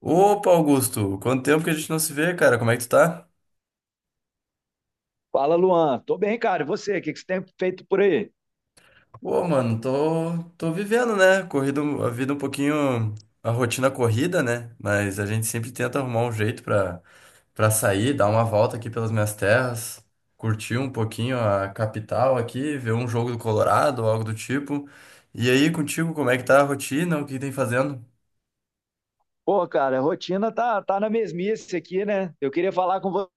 Opa, Augusto, quanto tempo que a gente não se vê, cara? Como é que tu tá? Fala, Luan. Tô bem, cara. E você? O que que você tem feito por aí? Pô, mano, tô vivendo, né? Corrido, a vida um pouquinho, a rotina corrida, né? Mas a gente sempre tenta arrumar um jeito pra sair, dar uma volta aqui pelas minhas terras, curtir um pouquinho a capital aqui, ver um jogo do Colorado ou algo do tipo. E aí, contigo, como é que tá a rotina? O que tem fazendo? Pô, cara, a rotina tá na mesmice aqui, né? Eu queria falar com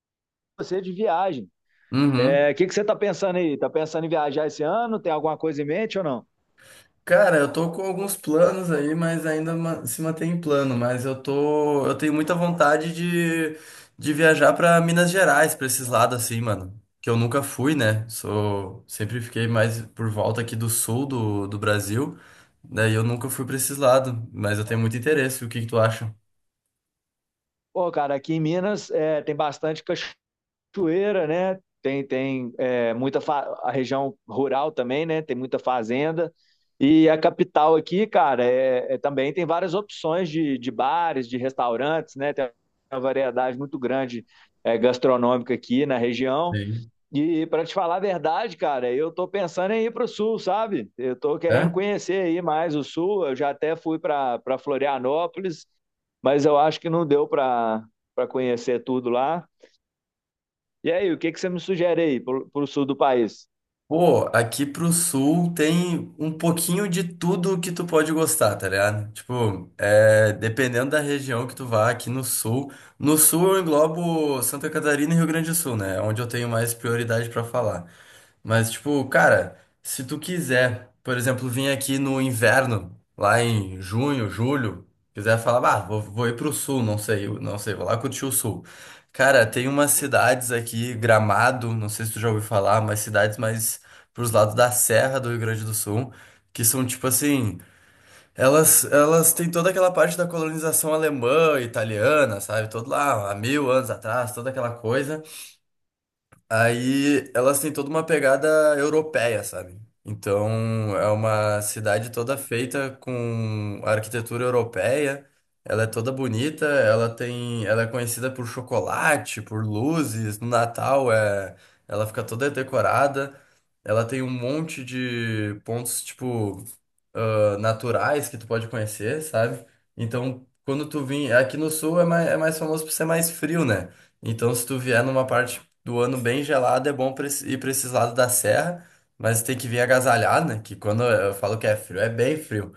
você de viagem. Uhum. É, o que que você tá pensando aí? Tá pensando em viajar esse ano? Tem alguma coisa em mente ou não? Cara, eu tô com alguns planos aí, mas se mantém em plano. Mas eu tenho muita vontade de viajar pra Minas Gerais, pra esses lados assim, mano. Que eu nunca fui, né? Sou, sempre fiquei mais por volta aqui do do Brasil. Daí eu nunca fui pra esses lados, mas eu tenho muito interesse. O que que tu acha? Pô, cara, aqui em Minas é, tem bastante cachoeira, né? Tem é, muita a região rural também, né? Tem muita fazenda. E a capital aqui, cara, também tem várias opções de bares, de restaurantes, né? Tem uma variedade muito grande é, gastronômica aqui na região. Sim. E para te falar a verdade, cara, eu tô pensando em ir para o sul, sabe? Eu tô querendo É? conhecer aí mais o sul. Eu já até fui para Florianópolis, mas eu acho que não deu para conhecer tudo lá. E aí, o que que você me sugere aí pro, pro sul do país? Pô, aqui pro sul tem um pouquinho de tudo que tu pode gostar, tá ligado? Tipo, dependendo da região que tu vá aqui no sul. No sul eu englobo Santa Catarina e Rio Grande do Sul, né? É onde eu tenho mais prioridade pra falar. Mas, tipo, cara, se tu quiser, por exemplo, vir aqui no inverno, lá em junho, julho, quiser falar, bah, vou ir pro sul, não sei, eu não sei, vou lá curtir o sul. Cara, tem umas cidades aqui, Gramado, não sei se tu já ouviu falar, mas cidades mais pros lados da Serra do Rio Grande do Sul, que são tipo assim, elas têm toda aquela parte da colonização alemã, italiana, sabe? Todo lá, há mil anos atrás, toda aquela coisa. Aí elas têm toda uma pegada europeia, sabe? Então é uma cidade toda feita com arquitetura europeia. Ela é toda bonita, ela tem, ela é conhecida por chocolate, por luzes. No Natal ela fica toda decorada. Ela tem um monte de pontos tipo ah, naturais que tu pode conhecer, sabe? Então quando tu vem aqui no sul é mais famoso por ser mais frio, né? Então, se tu vier numa parte do ano bem gelado é bom pra ir para esses lados da serra, mas tem que vir agasalhado, né? Que quando eu falo que é frio, é bem frio.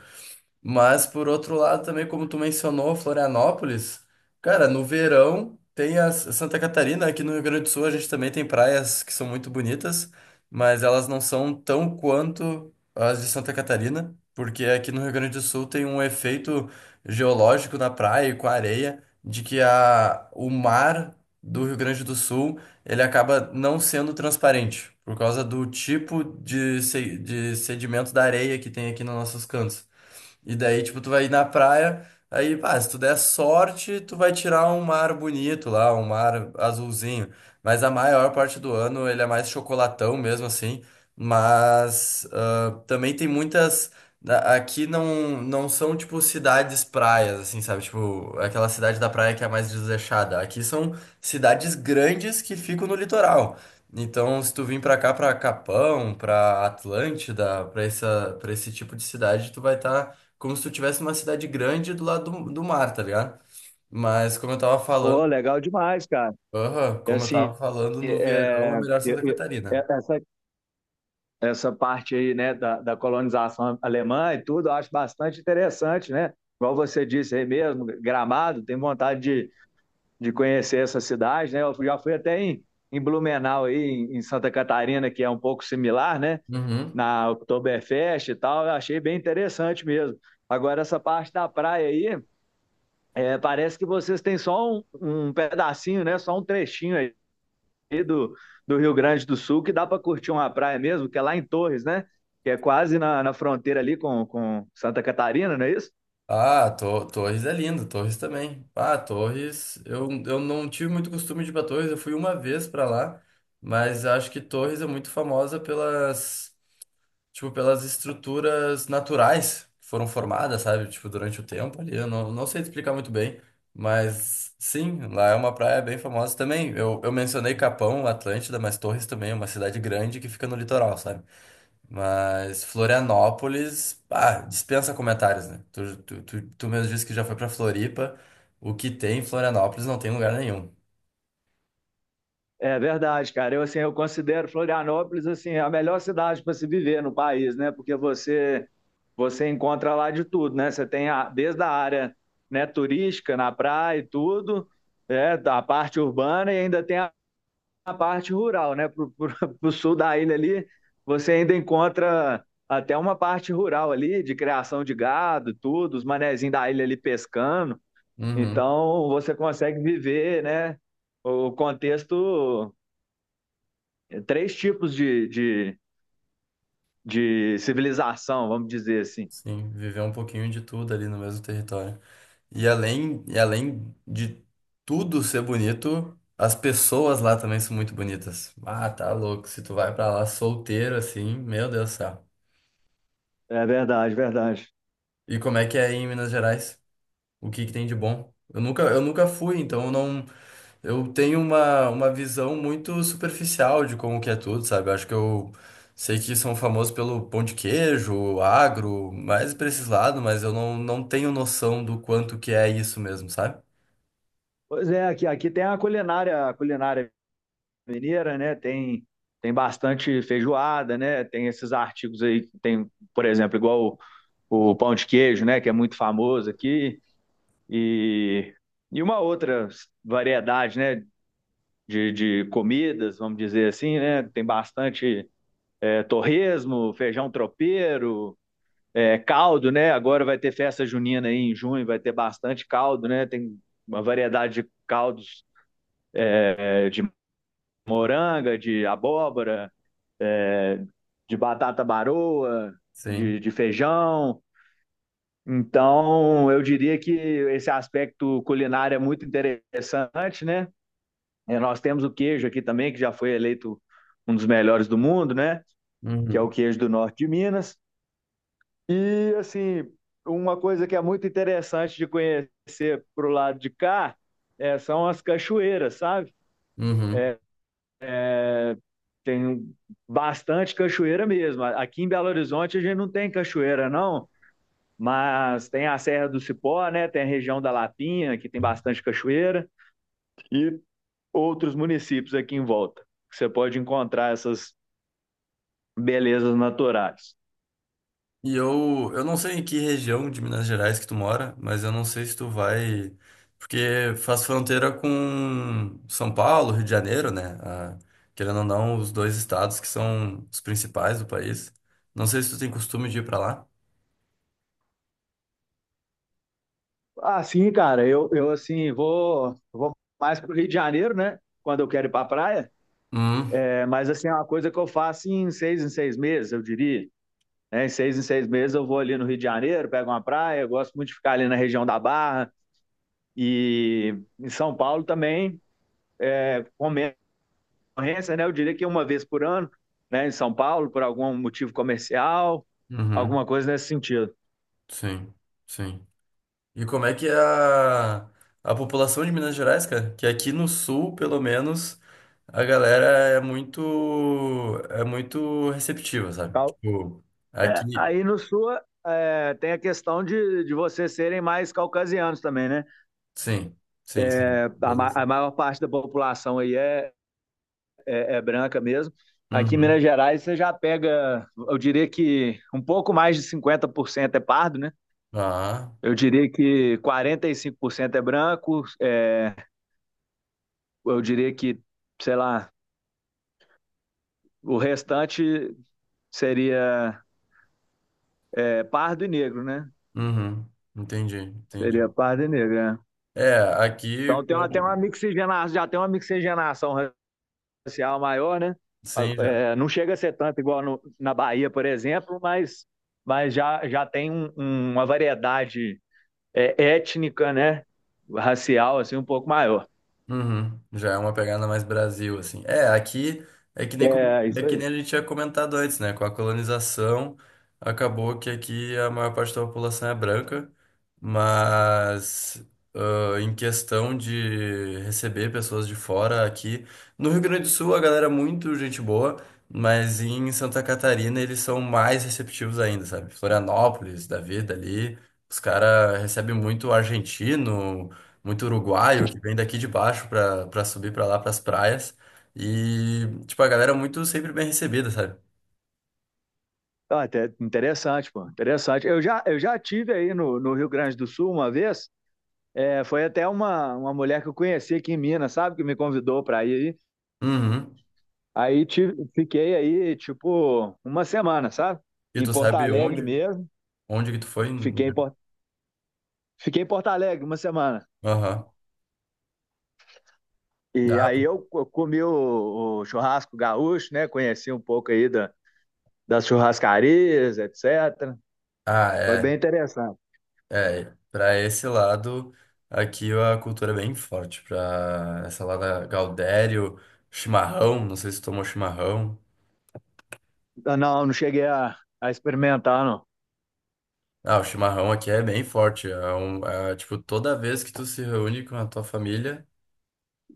Mas, por outro lado, também, como tu mencionou, Florianópolis, cara, no verão tem a Santa Catarina, aqui no Rio Grande do Sul a gente também tem praias que são muito bonitas, mas elas não são tão quanto as de Santa Catarina, porque aqui no Rio Grande do Sul tem um efeito geológico na praia e com a areia, de que o mar do Rio Grande do Sul, ele acaba não sendo transparente, por causa do tipo de, se- de sedimento da areia que tem aqui nos nossos cantos. E daí, tipo, tu vai ir na praia, aí, pá, se tu der sorte, tu vai tirar um mar bonito lá, um mar azulzinho. Mas a maior parte do ano ele é mais chocolatão mesmo, assim. Mas ah, também tem muitas. Aqui não, não são, tipo, cidades praias, assim, sabe? Tipo, aquela cidade da praia que é mais desleixada. Aqui são cidades grandes que ficam no litoral. Então, se tu vir pra cá, pra Capão, pra Atlântida, pra esse tipo de cidade, tu vai estar como se tu tivesse uma cidade grande do lado do mar, tá ligado? Mas como eu tava falando, Pô, legal demais, cara. aham, É como eu tava assim, falando, no verão é é, melhor Santa Catarina. Essa, essa parte aí, né, da, da colonização alemã e tudo, eu acho bastante interessante, né? Igual você disse aí mesmo, Gramado, tem vontade de conhecer essa cidade, né? Eu já fui até em, em Blumenau aí, em, em Santa Catarina, que é um pouco similar, né? Uhum. Na Oktoberfest e tal, eu achei bem interessante mesmo. Agora, essa parte da praia aí. É, parece que vocês têm só um, um pedacinho, né? Só um trechinho aí do, do Rio Grande do Sul que dá para curtir uma praia mesmo, que é lá em Torres, né? Que é quase na, na fronteira ali com Santa Catarina, não é isso? Ah, Torres é lindo, Torres também. Ah, Torres, eu não tive muito costume de ir pra Torres, eu fui uma vez pra lá, mas acho que Torres é muito famosa pelas tipo, pelas estruturas naturais que foram formadas, sabe? Tipo, durante o tempo ali. Eu não sei te explicar muito bem, mas sim, lá é uma praia bem famosa também. Eu mencionei Capão, Atlântida, mas Torres também é uma cidade grande que fica no litoral, sabe? Mas Florianópolis, ah, dispensa comentários, né? Tu mesmo disse que já foi pra Floripa. O que tem em Florianópolis não tem em lugar nenhum. É verdade, cara. Eu assim, eu considero Florianópolis assim a melhor cidade para se viver no país, né? Porque você encontra lá de tudo, né? Você tem a, desde a área, né, turística na praia e tudo, é, a parte urbana e ainda tem a parte rural, né? Pro sul da ilha ali, você ainda encontra até uma parte rural ali, de criação de gado, tudo, os manezinhos da ilha ali pescando. Uhum. Então, você consegue viver, né? O contexto, três tipos de civilização, vamos dizer assim. Sim, viver um pouquinho de tudo ali no mesmo território. E além de tudo ser bonito, as pessoas lá também são muito bonitas. Ah, tá louco. Se tu vai pra lá solteiro assim, meu Deus do céu. É verdade, verdade. E como é que é aí em Minas Gerais? O que que tem de bom? Eu nunca fui, então eu não, eu tenho uma visão muito superficial de como que é tudo, sabe? Eu acho que eu sei que são famosos pelo pão de queijo, agro, mais pra esses lados, mas eu não, não tenho noção do quanto que é isso mesmo, sabe? Pois é, aqui, aqui tem a culinária mineira, né? Tem, tem bastante feijoada, né? Tem esses artigos aí, tem, por exemplo, igual o pão de queijo, né, que é muito famoso aqui, e, e uma outra variedade, né, de comidas, vamos dizer assim, né, tem bastante é, torresmo, feijão tropeiro, é, caldo, né, agora vai ter festa junina aí em junho, vai ter bastante caldo, né, tem uma variedade de caldos é, de moranga, de abóbora, de batata baroa, Sim. de feijão. Então, eu diria que esse aspecto culinário é muito interessante, né? E nós temos o queijo aqui também, que já foi eleito um dos melhores do mundo, né? Que é o Uhum. queijo do norte de Minas. E, assim, uma coisa que é muito interessante de conhecer pro lado de cá é, são as cachoeiras, sabe? Uhum. É, tem bastante cachoeira mesmo. Aqui em Belo Horizonte a gente não tem cachoeira, não, mas tem a Serra do Cipó, né? Tem a região da Lapinha, que tem bastante cachoeira. E outros municípios aqui em volta, que você pode encontrar essas belezas naturais. E eu não sei em que região de Minas Gerais que tu mora, mas eu não sei se tu vai. Porque faz fronteira com São Paulo, Rio de Janeiro, né? Ah, querendo ou não, os dois estados que são os principais do país. Não sei se tu tem costume de ir pra lá. Ah, sim, cara, eu assim, vou, vou mais para o Rio de Janeiro, né? Quando eu quero ir para a praia. Hum. É, mas, assim, é uma coisa que eu faço em seis meses, eu diria. Né? Em seis meses eu vou ali no Rio de Janeiro, pego uma praia, eu gosto muito de ficar ali na região da Barra. E em São Paulo também, com menos ocorrência, né? Eu diria que uma vez por ano, né? Em São Paulo, por algum motivo comercial, Hum. Uhum, alguma coisa nesse sentido. sim, sim. E como é a população de Minas Gerais, cara? Que aqui no sul, pelo menos, a galera é muito, é muito receptiva, sabe? Cal- Tipo, é, aqui. aí no sul é, tem a questão de vocês serem mais caucasianos também, né? Sim, sim, sim. É, a, Todas... a maior parte da população aí é, é branca mesmo. Aqui em Uhum. Minas Gerais você já pega, eu diria que um pouco mais de 50% é pardo, né? Ah, Eu diria que 45% é branco, é, eu diria que, sei lá, o restante seria é, pardo e negro, né? uhum. Entendi, Seria entendi. pardo e negro, né? É, aqui, Então tem uma com... mixigenação, já tem uma mixigenação social maior, né? sim, já. É, não chega a ser tanto igual no, na Bahia, por exemplo, mas já, já tem um, um, uma variedade é, étnica, né? Racial, assim, um pouco maior. Uhum, já é uma pegada mais Brasil, assim. É, aqui é que nem, como... É, é isso que aí. nem a gente tinha comentado antes, né? Com a colonização, acabou que aqui a maior parte da população é branca, mas ah, em questão de receber pessoas de fora aqui. No Rio Grande do Sul, a galera é muito gente boa, mas em Santa Catarina eles são mais receptivos ainda, sabe? Florianópolis, da vida ali, os caras recebem muito argentino muito uruguaio que vem daqui de baixo pra subir pra lá, pras praias. E, tipo, a galera é muito sempre bem recebida, sabe? Ah, até interessante, pô, interessante. Eu já tive aí no, no Rio Grande do Sul uma vez, é, foi até uma mulher que eu conheci aqui em Minas, sabe? Que me convidou para ir aí. Uhum. Aí tive, fiquei aí, tipo, uma semana, sabe? E Em tu Porto sabe Alegre onde? mesmo. Onde que tu foi? Fiquei em Porto Fiquei em Porto Alegre uma semana. Aham. E Ah, aí pô. eu, comi o churrasco gaúcho, né? Conheci um pouco aí da, das churrascarias, etc. Ah, Foi é. bem interessante. É, pra esse lado, aqui a cultura é bem forte. Pra essa lá da Gaudério, chimarrão, não sei se tu tomou chimarrão. Ah, não, não cheguei a experimentar, não. Ah, o chimarrão aqui é bem forte. É é, tipo, toda vez que tu se reúne com a tua família,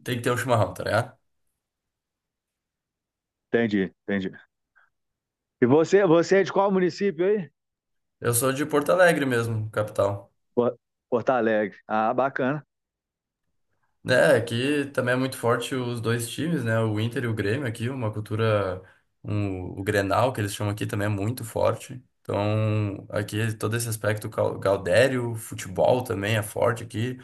tem que ter um chimarrão, tá ligado? Entendi, entendi. E você, você é de qual município aí? Eu sou de Porto Alegre mesmo, capital. Por- Porto Alegre. Ah, bacana. É, aqui também é muito forte os dois times, né? O Inter e o Grêmio aqui, o Grenal, que eles chamam aqui, também é muito forte. Então, aqui todo esse aspecto gaudério, futebol também é forte aqui.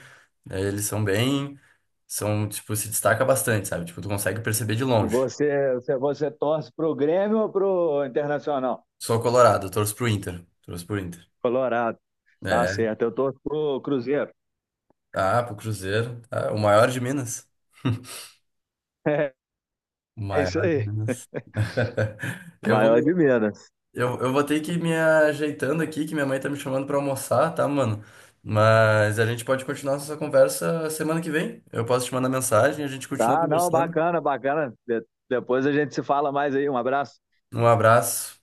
É, eles são bem, são, tipo, se destaca bastante, sabe? Tipo, tu consegue perceber de E longe. você, você, você torce pro Grêmio ou pro Internacional? Sou colorado, torço pro Inter. Torço pro Inter. Colorado. Tá É. certo. Eu torço pro Cruzeiro. Ah, pro Cruzeiro. Ah, o maior de Minas. O É, isso maior de aí. Minas. Eu Maior de vou. Minas. Eu vou ter que ir me ajeitando aqui, que minha mãe tá me chamando pra almoçar, tá, mano? Mas a gente pode continuar essa conversa semana que vem. Eu posso te mandar mensagem, a gente continua Tá, não, conversando. bacana, bacana. Depois a gente se fala mais aí. Um abraço. Um abraço.